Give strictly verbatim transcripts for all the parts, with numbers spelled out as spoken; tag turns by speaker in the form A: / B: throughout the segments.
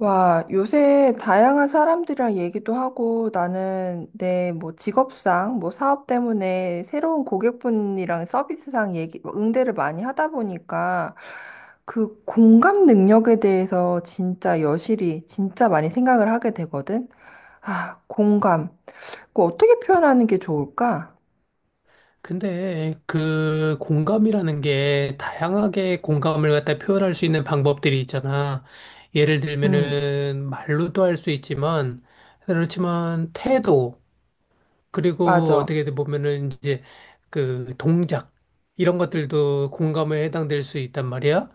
A: 와, 요새 다양한 사람들이랑 얘기도 하고 나는 내 뭐 직업상, 뭐 사업 때문에 새로운 고객분이랑 서비스상 얘기, 뭐 응대를 많이 하다 보니까 그 공감 능력에 대해서 진짜 여실히 진짜 많이 생각을 하게 되거든. 아, 공감. 그 어떻게 표현하는 게 좋을까?
B: 근데 그 공감이라는 게 다양하게 공감을 갖다 표현할 수 있는 방법들이 있잖아. 예를
A: 음,
B: 들면은 말로도 할 수 있지만 그렇지만 태도 그리고
A: 맞아.
B: 어떻게 보면은 이제 그 동작 이런 것들도 공감에 해당될 수 있단 말이야.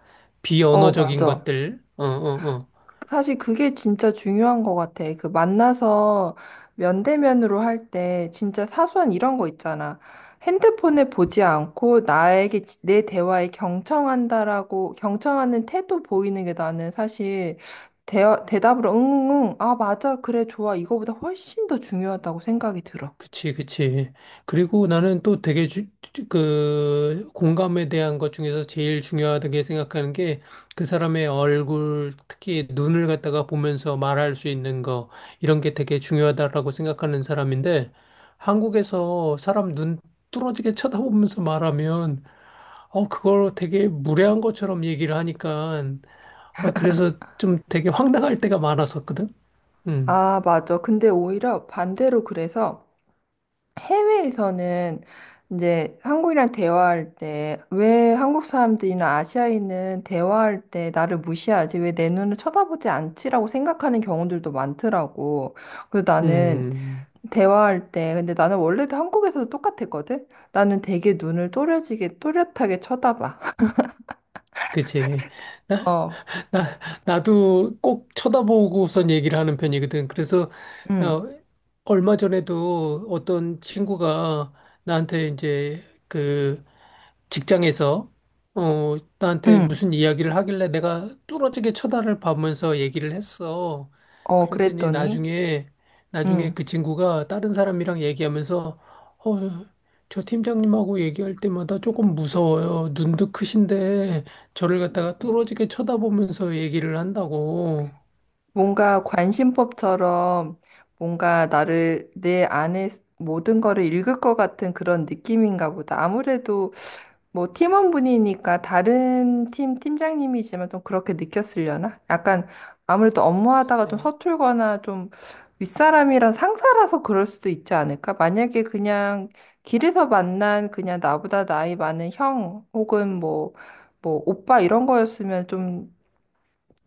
A: 어,
B: 비언어적인
A: 맞아.
B: 것들. 어어어.
A: 사실 그게 진짜 중요한 것 같아. 그 만나서 면대면으로 할 때 진짜 사소한 이런 거 있잖아. 핸드폰을 보지 않고 나에게 지- 내 대화에 경청한다라고 경청하는 태도 보이는 게 나는 사실 대, 대답으로 응응응 아 맞아 그래 좋아 이거보다 훨씬 더 중요하다고 생각이 들어.
B: 그치, 그치. 그리고 나는 또 되게 주, 그 공감에 대한 것 중에서 제일 중요하다고 생각하는 게 그 사람의 얼굴, 특히 눈을 갖다가 보면서 말할 수 있는 거, 이런 게 되게 중요하다라고 생각하는 사람인데 한국에서 사람 눈 뚫어지게 쳐다보면서 말하면 어, 그걸 되게 무례한 것처럼 얘기를 하니까 어, 그래서 좀 되게 황당할 때가 많았었거든. 음,
A: 아 맞아. 근데 오히려 반대로 그래서 해외에서는 이제 한국이랑 대화할 때 왜 한국 사람들이나 아시아인은 대화할 때 나를 무시하지? 왜 내 눈을 쳐다보지 않지라고 생각하는 경우들도 많더라고. 그래서 나는
B: 음,
A: 대화할 때 근데 나는 원래도 한국에서도 똑같았거든. 나는 되게 눈을 또렷하게 또렷하게 쳐다봐.
B: 그치.
A: 어.
B: 나, 나도 꼭 쳐다보고선 얘기를 하는 편이거든. 그래서,
A: 응.
B: 어, 얼마 전에도 어떤 친구가 나한테 이제 그 직장에서, 어, 나한테
A: 응.
B: 무슨 이야기를 하길래 내가 뚫어지게 쳐다를 보면서 얘기를 했어.
A: 어,
B: 그랬더니
A: 그랬더니
B: 나중에, 나중에
A: 응.
B: 그 친구가 다른 사람이랑 얘기하면서, 어, 저 팀장님하고 얘기할 때마다 조금 무서워요. 눈도 크신데, 저를 갖다가 뚫어지게 쳐다보면서 얘기를 한다고.
A: 뭔가 관심법처럼 뭔가 나를 내 안에 모든 거를 읽을 것 같은 그런 느낌인가 보다. 아무래도 뭐 팀원분이니까 다른 팀 팀장님이지만 좀 그렇게 느꼈으려나? 약간 아무래도 업무하다가 좀
B: 글쎄.
A: 서툴거나 좀 윗사람이랑 상사라서 그럴 수도 있지 않을까? 만약에 그냥 길에서 만난 그냥 나보다 나이 많은 형 혹은 뭐, 뭐 오빠 이런 거였으면 좀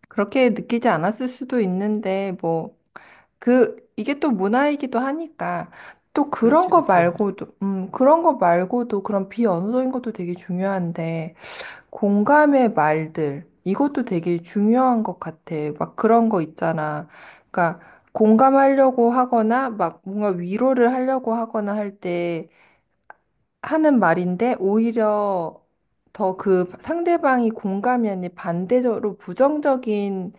A: 그렇게 느끼지 않았을 수도 있는데 뭐 그, 이게 또 문화이기도 하니까, 또 그런
B: 그렇지,
A: 거
B: 그렇지.
A: 말고도, 음, 그런 거 말고도 그런 비언어적인 것도 되게 중요한데, 공감의 말들, 이것도 되게 중요한 것 같아. 막 그런 거 있잖아. 그러니까, 공감하려고 하거나, 막 뭔가 위로를 하려고 하거나 할 때 하는 말인데, 오히려 더 그 상대방이 공감이 아닌 반대적으로 부정적인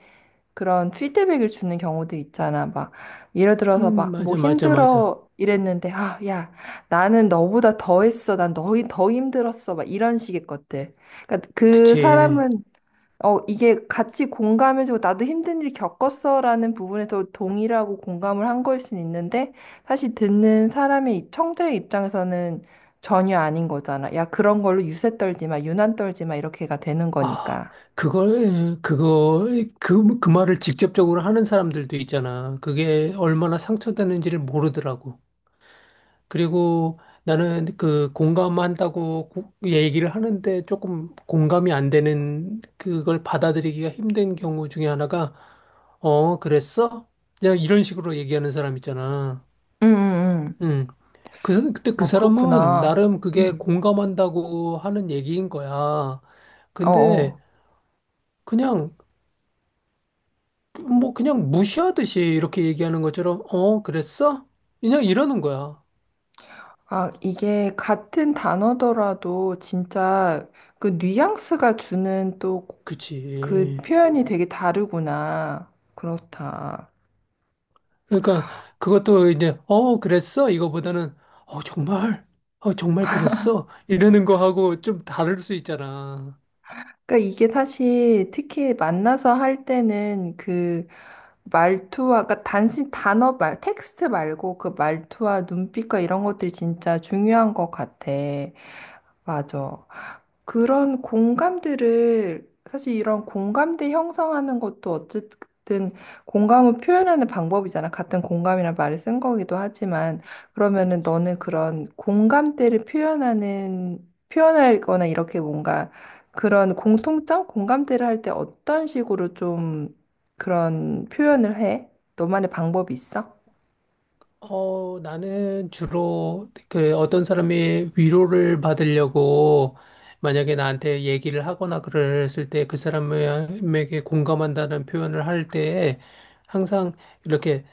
A: 그런 피드백을 주는 경우도 있잖아. 막, 예를 들어서
B: 음,
A: 막, 뭐
B: 맞아, 맞아, 맞아.
A: 힘들어 이랬는데, 아, 야, 나는 너보다 더 했어. 난 너희 더 힘들었어. 막 이런 식의 것들. 그러니까 그
B: 그치.
A: 사람은, 어, 이게 같이 공감해주고, 나도 힘든 일 겪었어. 라는 부분에서 동의를 하고 공감을 한 거일 수는 있는데, 사실 듣는 사람의, 입- 청자의 입장에서는 전혀 아닌 거잖아. 야, 그런 걸로 유세 떨지 마, 유난 떨지 마, 이렇게가 되는
B: 아,
A: 거니까.
B: 그걸, 그거, 그, 그 말을 직접적으로 하는 사람들도 있잖아. 그게 얼마나 상처되는지를 모르더라고. 그리고 나는 그 공감한다고 고- 얘기를 하는데 조금 공감이 안 되는 그걸 받아들이기가 힘든 경우 중에 하나가, 어, 그랬어? 그냥 이런 식으로 얘기하는 사람 있잖아.
A: 응, 응, 응.
B: 음. 그, 사- 그때 그
A: 아,
B: 사람은
A: 그렇구나.
B: 나름 그게
A: 음.
B: 공감한다고 하는 얘기인 거야. 근데
A: 어어.
B: 그냥, 뭐 그냥 무시하듯이 이렇게 얘기하는 것처럼, 어, 그랬어? 그냥 이러는 거야.
A: 아, 이게 같은 단어더라도 진짜 그 뉘앙스가 주는 또 그
B: 그치.
A: 표현이 되게 다르구나. 그렇다.
B: 그러니까 그것도 이제, 어, 그랬어? 이거보다는, 어, 정말? 어, 정말 그랬어? 이러는 거하고 좀 다를 수 있잖아.
A: 그러니까 이게 사실 특히 만나서 할 때는 그 말투와, 그러니까 단순히 단어 말, 텍스트 말고 그 말투와 눈빛과 이런 것들이 진짜 중요한 것 같아. 맞아. 그런 공감대를 사실 이런 공감대 형성하는 것도 어쨌든 공감을 표현하는 방법이잖아. 같은 공감이란 말을 쓴 거기도 하지만 그러면은 너는 그런 공감대를 표현하는 표현할거나 이렇게 뭔가 그런 공통점, 공감대를 할 때 어떤 식으로 좀 그런 표현을 해? 너만의 방법이 있어?
B: 어, 나는 주로 그 어떤 사람이 위로를 받으려고 만약에 나한테 얘기를 하거나 그랬을 때 그 사람에게 공감한다는 표현을 할 때 항상 이렇게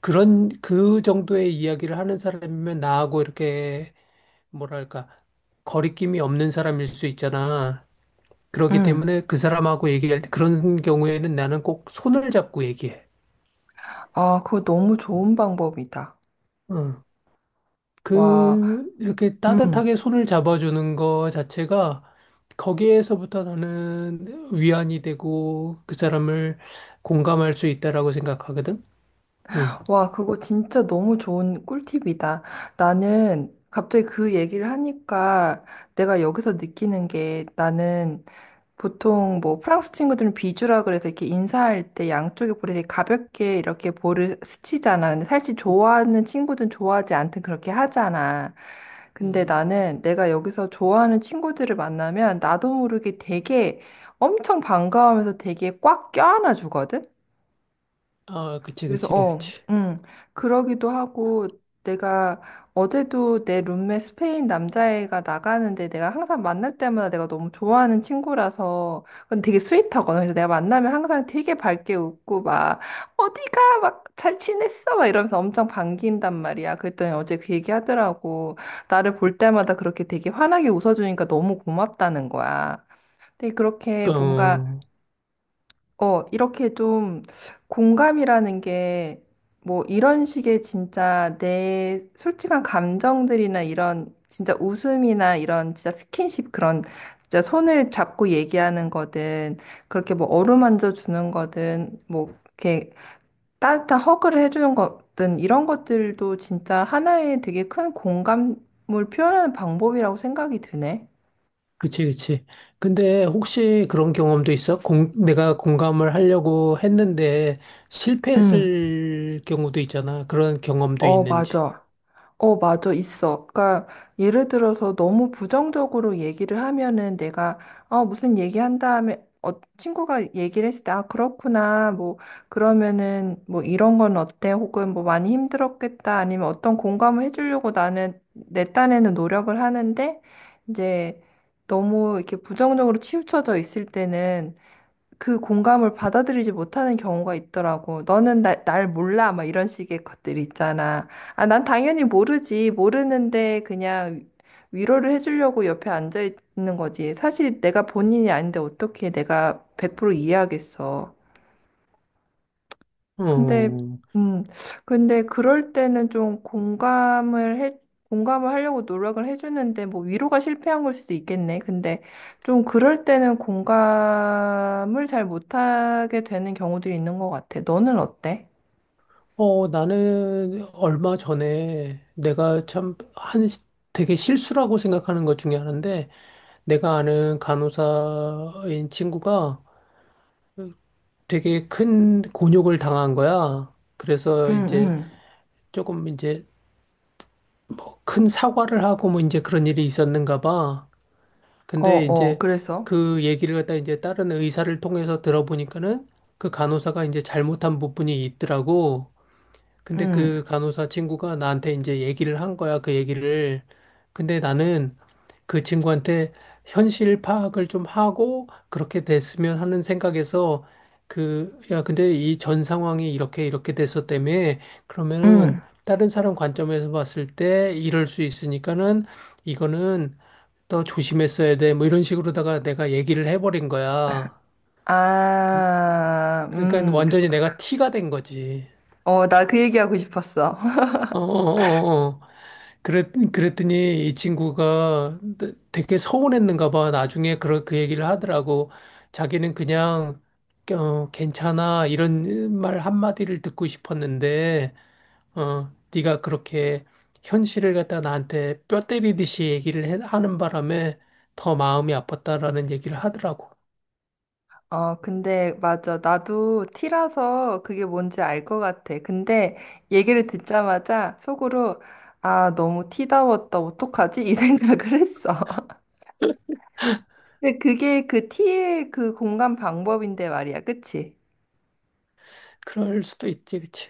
B: 그런 그 정도의 이야기를 하는 사람이면 나하고 이렇게 뭐랄까 거리낌이 없는 사람일 수 있잖아. 그렇기
A: 응.
B: 때문에 그 사람하고 얘기할 때 그런 경우에는 나는 꼭 손을 잡고 얘기해.
A: 아, 그거 너무 좋은 방법이다.
B: 응.
A: 와.
B: 그, 이렇게
A: 음.
B: 따뜻하게 손을 잡아주는 거 자체가 거기에서부터 나는 위안이 되고 그 사람을 공감할 수 있다라고 생각하거든. 응.
A: 와, 그거 진짜 너무 좋은 꿀팁이다. 나는 갑자기 그 얘기를 하니까 내가 여기서 느끼는 게 나는 보통 뭐 프랑스 친구들은 비주라 그래서 이렇게 인사할 때 양쪽에 볼에 되게 가볍게 이렇게 볼을 스치잖아. 근데 사실 좋아하는 친구들은 좋아하지 않든 그렇게 하잖아. 근데
B: 음.
A: 나는 내가 여기서 좋아하는 친구들을 만나면 나도 모르게 되게 엄청 반가워하면서 되게 꽉 껴안아 주거든?
B: 아, 그치,
A: 그래서
B: 그치,
A: 어,
B: 그치.
A: 음 그러기도 하고 내가 어제도 내 룸메 스페인 남자애가 나가는데 내가 항상 만날 때마다 내가 너무 좋아하는 친구라서 근데 되게 스윗하거든. 그래서 내가 만나면 항상 되게 밝게 웃고 막 어디가 막 잘 지냈어 막 이러면서 엄청 반긴단 말이야. 그랬더니 어제 그 얘기 하더라고. 나를 볼 때마다 그렇게 되게 환하게 웃어주니까 너무 고맙다는 거야. 근데 그렇게 뭔가
B: 어,
A: 어, 이렇게 좀 공감이라는 게 뭐 이런 식의 진짜 내 솔직한 감정들이나 이런 진짜 웃음이나 이런 진짜 스킨십 그런 진짜 손을 잡고 얘기하는 거든 그렇게 뭐 어루만져 주는 거든 뭐 이렇게 따뜻한 허그를 해주는 거든 이런 것들도 진짜 하나의 되게 큰 공감을 표현하는 방법이라고 생각이 드네.
B: 그치, 그치. 근데 혹시 그런 경험도 있어? 공, 내가 공감을 하려고 했는데
A: 응,
B: 실패했을 경우도 있잖아. 그런 경험도
A: 어,
B: 있는지.
A: 맞아. 어, 맞아, 있어. 그러니까 예를 들어서 너무 부정적으로 얘기를 하면은 내가 아, 무슨 얘기한 다음에 어, 친구가 얘기를 했을 때 아, 그렇구나. 뭐 그러면은 뭐 이런 건 어때? 혹은 뭐 많이 힘들었겠다. 아니면 어떤 공감을 해주려고 나는 내 딴에는 노력을 하는데 이제 너무 이렇게 부정적으로 치우쳐져 있을 때는 그 공감을 받아들이지 못하는 경우가 있더라고. 너는 나, 날 몰라. 막 이런 식의 것들 있잖아. 아, 난 당연히 모르지. 모르는데 그냥 위로를 해주려고 옆에 앉아 있는 거지. 사실 내가 본인이 아닌데 어떻게 내가 백 퍼센트 이해하겠어. 근데,
B: 어.
A: 음, 근데 그럴 때는 좀 공감을 해, 공감을 하려고 노력을 해주는데, 뭐 위로가 실패한 걸 수도 있겠네. 근데 좀 그럴 때는 공감을 잘 못하게 되는 경우들이 있는 것 같아. 너는 어때?
B: 어, 나는 얼마 전에 내가 참 한 되게 실수라고 생각하는 것 중에 하나인데 내가 아는 간호사인 친구가 되게 큰 곤욕을 당한 거야.
A: 응,
B: 그래서 이제
A: 응.
B: 조금 이제 큰 사과를 하고 뭐 이제 그런 일이 있었는가 봐.
A: 어,
B: 근데
A: 어,
B: 이제
A: 그래서.
B: 그 얘기를 갖다 이제 다른 의사를 통해서 들어보니까는 그 간호사가 이제 잘못한 부분이 있더라고. 근데
A: 응,
B: 그 간호사 친구가 나한테 이제 얘기를 한 거야, 그 얘기를. 근데 나는 그 친구한테 현실 파악을 좀 하고 그렇게 됐으면 하는 생각에서 그, 야, 근데 이 전 상황이 이렇게 이렇게 돼서 때문에 그러면은
A: 응.
B: 다른 사람 관점에서 봤을 때 이럴 수 있으니까는 이거는 더 조심했어야 돼. 뭐 이런 식으로다가 내가 얘기를 해버린 거야. 그-
A: 아,
B: 그러니까
A: 음.
B: 완전히
A: 그렇-
B: 내가 티가 된 거지.
A: 어, 나 그 얘기하고 싶었어.
B: 어어어어. 그랬, 그랬더니 이 친구가 되게 서운했는가 봐. 나중에 그 그 얘기를 하더라고. 자기는 그냥 어, 괜찮아 이런 말 한마디를 듣고 싶었는데 어, 네가 그렇게 현실을 갖다 나한테 뼈 때리듯이 얘기를 해- 하는 바람에 더 마음이 아팠다라는 얘기를 하더라고.
A: 어, 근데 맞아. 나도 T라서 그게 뭔지 알 것 같아. 근데 얘기를 듣자마자 속으로 아, 너무 T다웠다. 어떡하지? 이 생각을 했어. 근데 그게 그 T의 그 공감 방법인데 말이야. 그치?
B: 그럴 수도 있지, 그치?